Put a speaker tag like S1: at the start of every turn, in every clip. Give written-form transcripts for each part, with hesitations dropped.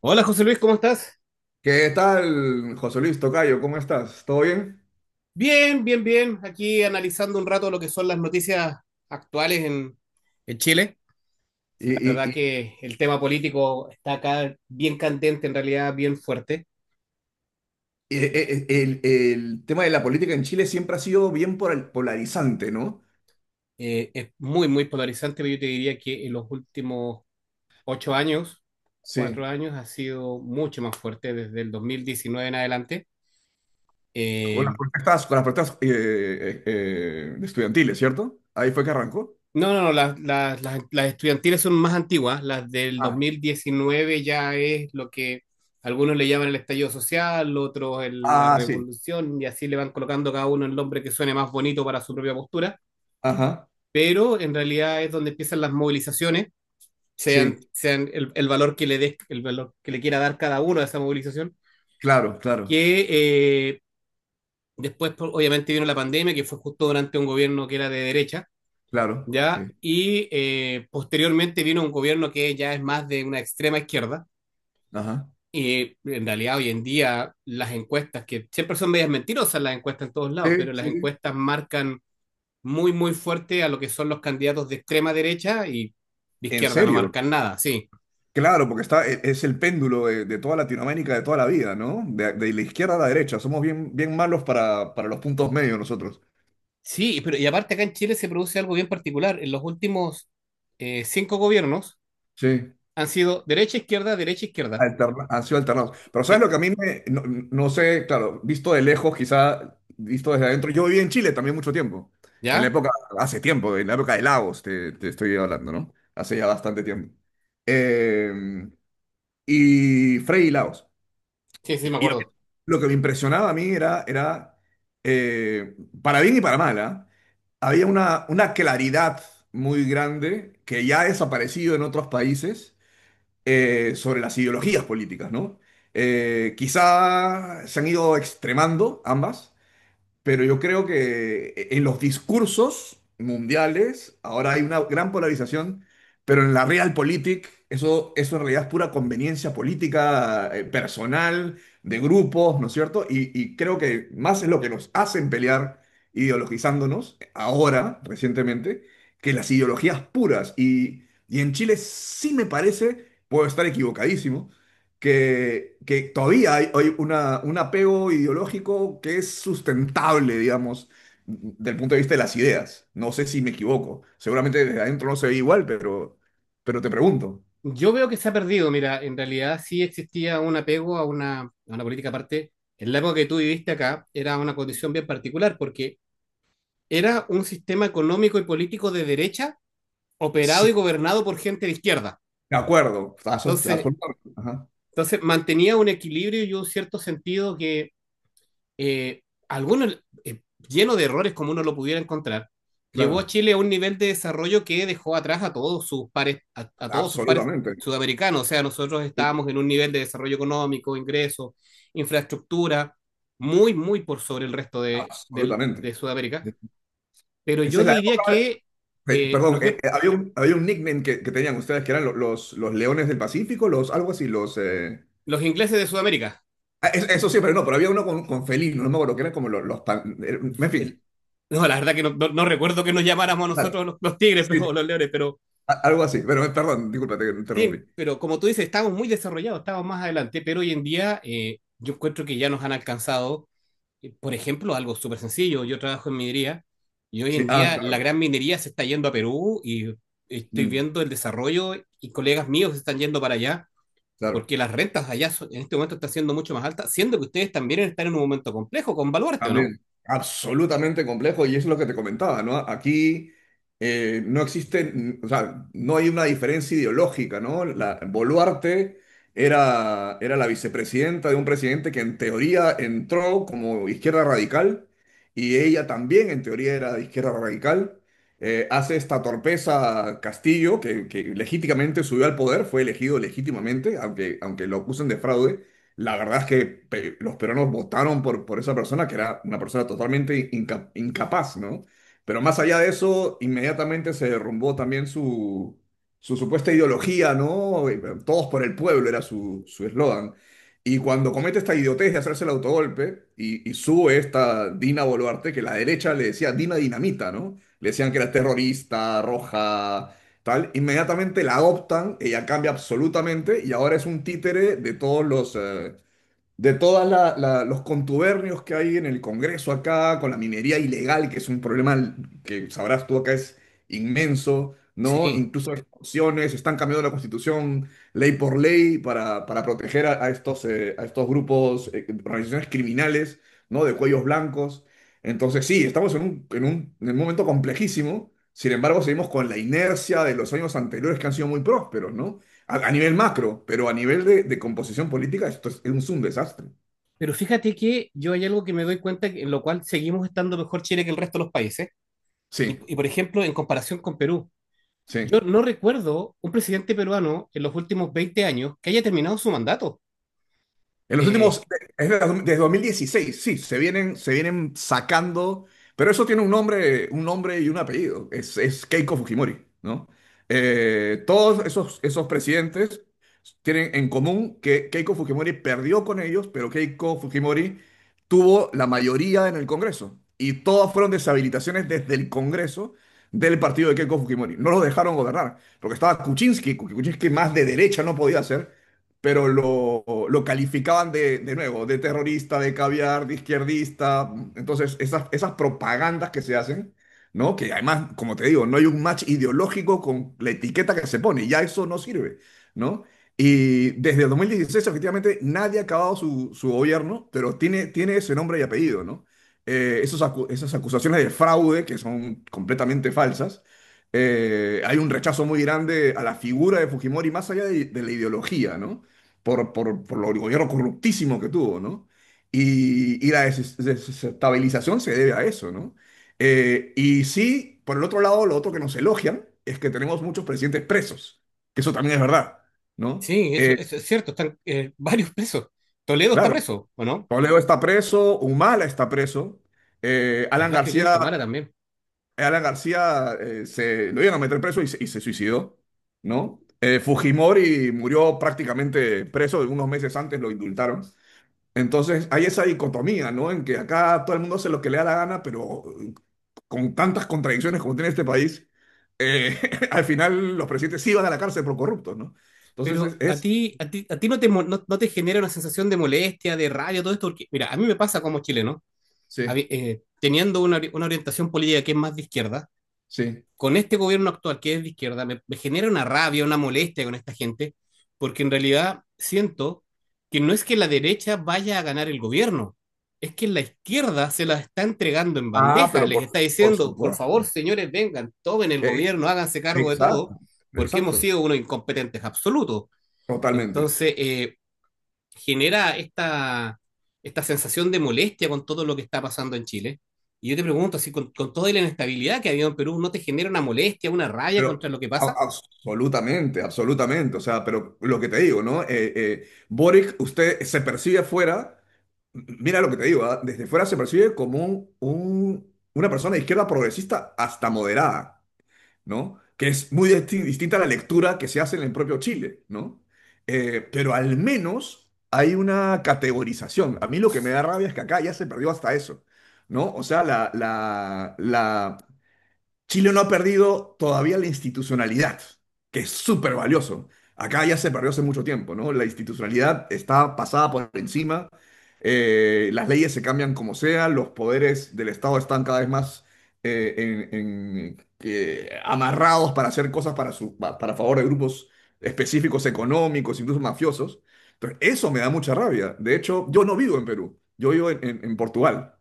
S1: Hola José Luis, ¿cómo estás?
S2: ¿Qué tal, José Luis Tocayo? ¿Cómo estás? ¿Todo bien?
S1: Bien, bien, bien. Aquí analizando un rato lo que son las noticias actuales en Chile.
S2: Y,
S1: La
S2: y-
S1: verdad
S2: y-
S1: que el tema político está acá bien candente, en realidad bien fuerte.
S2: el tema de la política en Chile siempre ha sido bien polarizante, ¿no?
S1: Es muy, muy polarizante, pero yo te diría que en los últimos 8 años, cuatro
S2: Sí.
S1: años, ha sido mucho más fuerte desde el 2019 en adelante. Eh,
S2: Con las protestas estudiantiles, ¿cierto? Ahí fue que arrancó.
S1: No, no, no, las estudiantiles son más antiguas. Las del dos
S2: Ah,
S1: mil diecinueve ya es lo que algunos le llaman el estallido social, otros la
S2: ah, sí.
S1: revolución, y así le van colocando cada uno el nombre que suene más bonito para su propia postura,
S2: Ajá.
S1: pero en realidad es donde empiezan las movilizaciones,
S2: Sí.
S1: sean el valor que le des, el valor que le quiera dar cada uno a esa movilización,
S2: Claro, claro,
S1: que después pues, obviamente vino la pandemia, que fue justo durante un gobierno que era de derecha,
S2: claro.
S1: ¿ya?
S2: Sí.
S1: Y posteriormente vino un gobierno que ya es más de una extrema izquierda.
S2: Ajá.
S1: Y en realidad hoy en día las encuestas, que siempre son medias mentirosas las encuestas en todos lados,
S2: Sí,
S1: pero las
S2: sí, sí.
S1: encuestas marcan muy, muy fuerte a lo que son los candidatos de extrema derecha y de
S2: ¿En
S1: izquierda no
S2: serio?
S1: marcan nada, sí.
S2: Claro, porque es el péndulo de toda Latinoamérica de toda la vida, ¿no? De la izquierda a la derecha. Somos bien, bien malos para los puntos medios nosotros.
S1: Sí, pero y aparte acá en Chile se produce algo bien particular. En los últimos cinco gobiernos
S2: Sí.
S1: han sido derecha, izquierda, derecha, izquierda.
S2: Han sido alternados. Pero ¿sabes
S1: Sí,
S2: lo que a mí me... No, no sé, claro, visto de lejos, quizá visto desde adentro. Yo viví en Chile también mucho tiempo. En la
S1: ¿ya?
S2: época, hace tiempo, en la época de Lagos, te estoy hablando, ¿no? Hace ya bastante tiempo. Eh, y Frei y Lagos.
S1: Sí, sí, me
S2: Y a mí
S1: acuerdo.
S2: lo que me impresionaba a mí era, era eh, para bien y para mal, ¿ah? Había una claridad muy grande que ya ha desaparecido en otros países sobre las ideologías políticas, ¿no? Quizá se han ido extremando ambas, pero yo creo que en los discursos mundiales ahora hay una gran polarización, pero en la realpolitik eso, eso en realidad es pura conveniencia política, personal, de grupos, ¿no es cierto? Y creo que más es lo que nos hacen pelear ideologizándonos ahora, recientemente, que las ideologías puras. Y en Chile sí me parece, puedo estar equivocadísimo, que todavía hay, hay una, un apego ideológico que es sustentable, digamos, del punto de vista de las ideas. No sé si me equivoco. Seguramente desde adentro no se ve igual, pero te pregunto.
S1: Yo veo que se ha perdido, mira, en realidad sí existía un apego a una política aparte. En la época que tú viviste acá era una condición bien particular porque era un sistema económico y político de derecha operado y
S2: Sí.
S1: gobernado por gente de izquierda.
S2: De acuerdo,
S1: Entonces,
S2: absolutamente. Ajá,
S1: entonces, mantenía un equilibrio y un cierto sentido que eh, algunos eh, lleno de errores como uno lo pudiera encontrar, llevó a
S2: claro,
S1: Chile a un nivel de desarrollo que dejó atrás a todos sus pares, a todos sus pares
S2: absolutamente.
S1: sudamericanos. O sea, nosotros
S2: Sí,
S1: estábamos en un nivel de desarrollo económico, ingresos, infraestructura, muy, muy por sobre el resto de, de,
S2: absolutamente.
S1: de Sudamérica. Pero
S2: Esa
S1: yo
S2: es la
S1: diría
S2: época,
S1: que eh,
S2: perdón,
S1: nos,
S2: había un nickname que tenían ustedes que eran los leones del Pacífico, los, algo así, los...
S1: los ingleses de Sudamérica.
S2: Eso sí, pero no, pero había uno con felino, no me acuerdo, que eran como los, los pan... En fin,
S1: el, no, la verdad que no, no, no, recuerdo que nos llamáramos a
S2: vale.
S1: nosotros los tigres
S2: Sí,
S1: pero, o los leones, pero
S2: algo así, pero perdón, disculpa, te interrumpí.
S1: Pero como tú dices, estamos muy desarrollados, estamos más adelante, pero hoy en día yo encuentro que ya nos han alcanzado. Por ejemplo, algo súper sencillo, yo trabajo en minería y hoy
S2: Sí,
S1: en
S2: ah,
S1: día la
S2: claro.
S1: gran minería se está yendo a Perú y estoy
S2: Mm,
S1: viendo el desarrollo y colegas míos se están yendo para allá
S2: claro.
S1: porque las rentas allá en este momento están siendo mucho más altas, siendo que ustedes también están en un momento complejo con Baluarte, ¿o no?
S2: También, absolutamente complejo y es lo que te comentaba, ¿no? Aquí no existe, mm, o sea, no hay una diferencia ideológica, ¿no? La, Boluarte era, era la vicepresidenta de un presidente que en teoría entró como izquierda radical y ella también en teoría era de izquierda radical. Hace esta torpeza Castillo, que legítimamente subió al poder, fue elegido legítimamente, aunque, aunque lo acusen de fraude, la verdad es que los peruanos votaron por esa persona, que era una persona totalmente incapaz, ¿no? Pero más allá de eso, inmediatamente se derrumbó también su supuesta ideología, ¿no? Todos por el pueblo era su su eslogan. Y cuando comete esta idiotez de hacerse el autogolpe y sube esta Dina Boluarte, que la derecha le decía Dina Dinamita, ¿no? Le decían que era terrorista, roja, tal, inmediatamente la adoptan, ella cambia absolutamente y ahora es un títere de todos de todos los contubernios que hay en el Congreso acá, con la minería ilegal, que es un problema que sabrás tú acá es inmenso, ¿no?
S1: Sí.
S2: Incluso expulsiones, están cambiando la constitución ley por ley para proteger a estos grupos, organizaciones criminales, ¿no? De cuellos blancos. Entonces, sí, estamos en un, en un, en un momento complejísimo. Sin embargo, seguimos con la inercia de los años anteriores que han sido muy prósperos, ¿no? A nivel macro, pero a nivel de composición política, esto es un desastre.
S1: Pero fíjate que yo hay algo que me doy cuenta en lo cual seguimos estando mejor Chile que el resto de los países.
S2: Sí,
S1: Por ejemplo, en comparación con Perú,
S2: sí.
S1: yo no recuerdo un presidente peruano en los últimos 20 años que haya terminado su mandato.
S2: En los últimos,
S1: Eh,
S2: desde 2016, sí, se vienen sacando, pero eso tiene un nombre y un apellido, es Keiko Fujimori, ¿no? Todos esos, esos presidentes tienen en común que Keiko Fujimori perdió con ellos, pero Keiko Fujimori tuvo la mayoría en el Congreso y todas fueron deshabilitaciones desde el Congreso del partido de Keiko Fujimori. No los dejaron gobernar, porque estaba Kuczynski, que Kuczynski más de derecha no podía hacer, pero lo calificaban de nuevo, de terrorista, de caviar, de izquierdista. Entonces, esas, esas propagandas que se hacen, ¿no? Que además, como te digo, no hay un match ideológico con la etiqueta que se pone, ya eso no sirve, ¿no? Y desde el 2016, efectivamente, nadie ha acabado su, su gobierno, pero tiene, tiene ese nombre y apellido, ¿no? Esas acusaciones de fraude, que son completamente falsas, hay un rechazo muy grande a la figura de Fujimori, más allá de la ideología, ¿no? Por, por lo gobierno corruptísimo que tuvo, ¿no? Y, desestabilización se debe a eso, ¿no? Y sí, por el otro lado, lo otro que nos elogian es que tenemos muchos presidentes presos, que eso también es verdad, ¿no?
S1: sí, eso,
S2: Eh,
S1: eso es cierto, están varios presos. Toledo está
S2: claro,
S1: preso, ¿o no?
S2: Toledo está preso, Humala está preso, Alan
S1: ¿Verdad que
S2: García,
S1: Tamara también?
S2: Alan García se, lo iban a meter preso y se suicidó, ¿no? Fujimori murió prácticamente preso, unos meses antes lo indultaron. Entonces hay esa dicotomía, ¿no? En que acá todo el mundo hace lo que le da la gana, pero con tantas contradicciones como tiene este país, eh, al final los presidentes sí van a la cárcel por corruptos, ¿no? Entonces
S1: Pero a
S2: es-
S1: ti, a ti, a ti no te genera una sensación de molestia, de rabia, todo esto, porque mira, a mí me pasa como chileno,
S2: Sí,
S1: teniendo una orientación política que es más de izquierda,
S2: sí.
S1: con este gobierno actual, que es de izquierda, me genera una rabia, una molestia con esta gente, porque en realidad siento que no es que la derecha vaya a ganar el gobierno, es que la izquierda se la está entregando en
S2: Ah,
S1: bandeja,
S2: pero
S1: les está
S2: por
S1: diciendo, por
S2: supuesto.
S1: favor, señores, vengan, tomen el
S2: Eh,
S1: gobierno, háganse cargo de todo,
S2: exacto,
S1: porque hemos
S2: exacto,
S1: sido unos incompetentes absolutos.
S2: totalmente.
S1: Entonces, genera esta sensación de molestia con todo lo que está pasando en Chile. Y yo te pregunto, así con toda la inestabilidad que ha habido en Perú, ¿no te genera una molestia, una rabia
S2: Pero
S1: contra lo que pasa?
S2: absolutamente, absolutamente. O sea, pero lo que te digo, ¿no? Boric, usted se percibe afuera, mira lo que te digo, ¿ah? Desde fuera se percibe como un, una persona de izquierda progresista hasta moderada, ¿no? Que es muy distinta a la lectura que se hace en el propio Chile, ¿no? Pero al menos hay una categorización. A mí lo que me da rabia es que acá ya se perdió hasta eso, ¿no? O sea, la Chile no ha perdido todavía la institucionalidad, que es súper valioso. Acá ya se perdió hace mucho tiempo, ¿no? La institucionalidad está pasada por encima, las leyes se cambian como sea, los poderes del Estado están cada vez más eh, amarrados para hacer cosas para, para favor de grupos específicos económicos, incluso mafiosos. Entonces, eso me da mucha rabia. De hecho, yo no vivo en Perú, yo vivo en Portugal.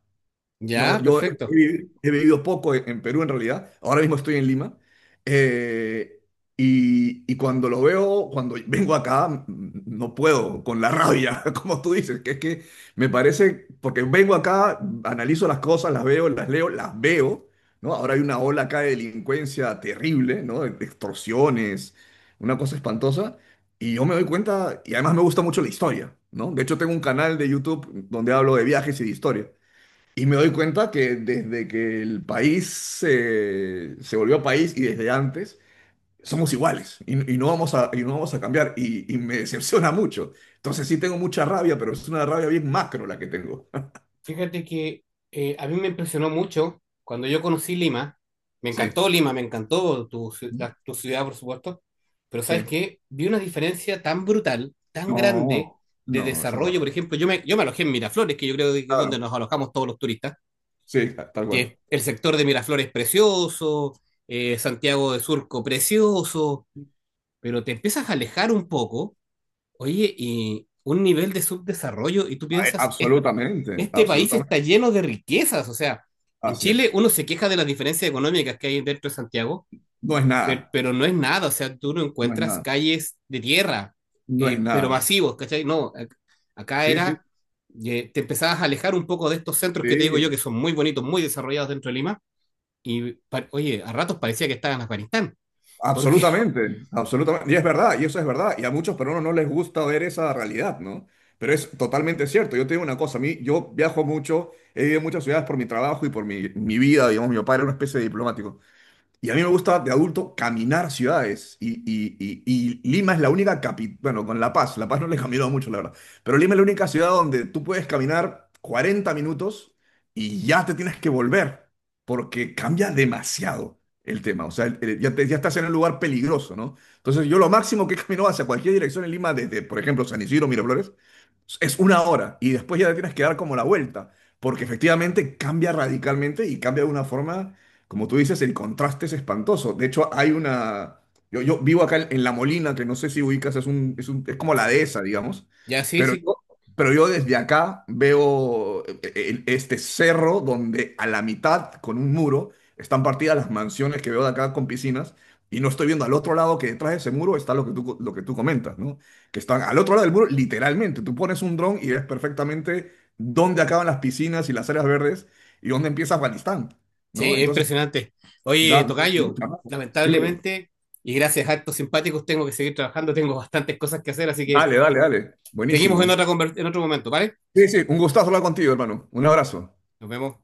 S2: Yo,
S1: Ya,
S2: yo he,
S1: perfecto.
S2: He vivido poco en Perú en realidad, ahora mismo estoy en Lima, eh, y cuando lo veo, cuando vengo acá, mm, no puedo, con la rabia, como tú dices, que es que me parece, porque vengo acá, analizo las cosas, las veo, las leo, las veo, ¿no? Ahora hay una ola acá de delincuencia terrible, ¿no? De extorsiones, una cosa espantosa, y yo me doy cuenta, y además me gusta mucho la historia, ¿no? De hecho tengo un canal de YouTube donde hablo de viajes y de historia. Y me doy cuenta que desde que el país se, se volvió país y desde antes, somos iguales y no vamos a, y no vamos a cambiar y me decepciona mucho. Entonces sí tengo mucha rabia, pero es una rabia bien macro la que tengo.
S1: Fíjate que a mí me impresionó mucho cuando yo conocí Lima. Me
S2: Sí,
S1: encantó Lima, me encantó tu ciudad, por supuesto. Pero
S2: sí.
S1: ¿sabes qué? Vi una diferencia tan brutal, tan grande
S2: No,
S1: de
S2: no, es una
S1: desarrollo. Por ejemplo, yo me alojé en Miraflores, que yo creo que es donde
S2: Claro,
S1: nos alojamos todos los turistas
S2: sí, tal cual.
S1: que el sector de Miraflores precioso, Santiago de Surco precioso, pero te empiezas a alejar un poco, oye, y un nivel de subdesarrollo, y tú
S2: Ay,
S1: piensas,
S2: absolutamente,
S1: este país
S2: absolutamente.
S1: está lleno de riquezas, o sea, en
S2: Así
S1: Chile
S2: es.
S1: uno se queja de las diferencias económicas que hay dentro de Santiago,
S2: No es nada,
S1: pero, no es nada, o sea, tú no
S2: no es
S1: encuentras
S2: nada,
S1: calles de tierra,
S2: no es
S1: pero
S2: nada.
S1: masivos, ¿cachai? No, acá
S2: Sí, sí,
S1: era, te empezabas a alejar un poco de estos centros que te digo yo, que
S2: sí.
S1: son muy bonitos, muy desarrollados dentro de Lima y oye, a ratos parecía que estaba en Afganistán. Porque
S2: Absolutamente, absolutamente. Y es verdad, y eso es verdad. Y a muchos peruanos no les gusta ver esa realidad, ¿no? Pero es totalmente cierto. Yo te digo una cosa, a mí, yo viajo mucho, he vivido en muchas ciudades por mi trabajo y por mi, mi vida, digamos, mi papá era una especie de diplomático. Y a mí me gusta de adulto caminar ciudades. Y Lima es la única capital, bueno, con La Paz, La Paz no le he caminado mucho, la verdad. Pero Lima es la única ciudad donde tú puedes caminar 40 minutos y ya te tienes que volver, porque cambia demasiado el tema. O sea, ya, ya estás en un lugar peligroso, ¿no? Entonces yo lo máximo que he caminado hacia cualquier dirección en Lima, desde, por ejemplo, San Isidro, Miraflores, es una hora y después ya te tienes que dar como la vuelta, porque efectivamente cambia radicalmente y cambia de una forma como tú dices, el contraste es espantoso. De hecho, hay una... Yo vivo acá en La Molina, que no sé si ubicas, es un, es como la dehesa, digamos.
S1: ya sí,
S2: Pero
S1: sí,
S2: yo, pero yo desde acá veo este cerro donde a la mitad, con un muro, están partidas las mansiones que veo de acá con piscinas. Y no estoy viendo al otro lado que detrás de ese muro está lo que tú, lo que tú comentas, ¿no? Que están al otro lado del muro, literalmente. Tú pones un dron y ves perfectamente dónde acaban las piscinas y las áreas verdes y dónde empieza Afganistán, ¿no?
S1: sí, es
S2: Entonces,
S1: impresionante. Oye,
S2: da mucho
S1: Tocayo,
S2: trabajo. Primero.
S1: lamentablemente, y gracias a actos simpáticos, tengo que seguir trabajando, tengo bastantes cosas que hacer, así que
S2: Dale, dale, dale.
S1: seguimos en
S2: Buenísimo.
S1: otra en otro momento, ¿vale?
S2: Sí, sí, un gustazo hablar contigo, hermano. Un abrazo.
S1: Nos vemos.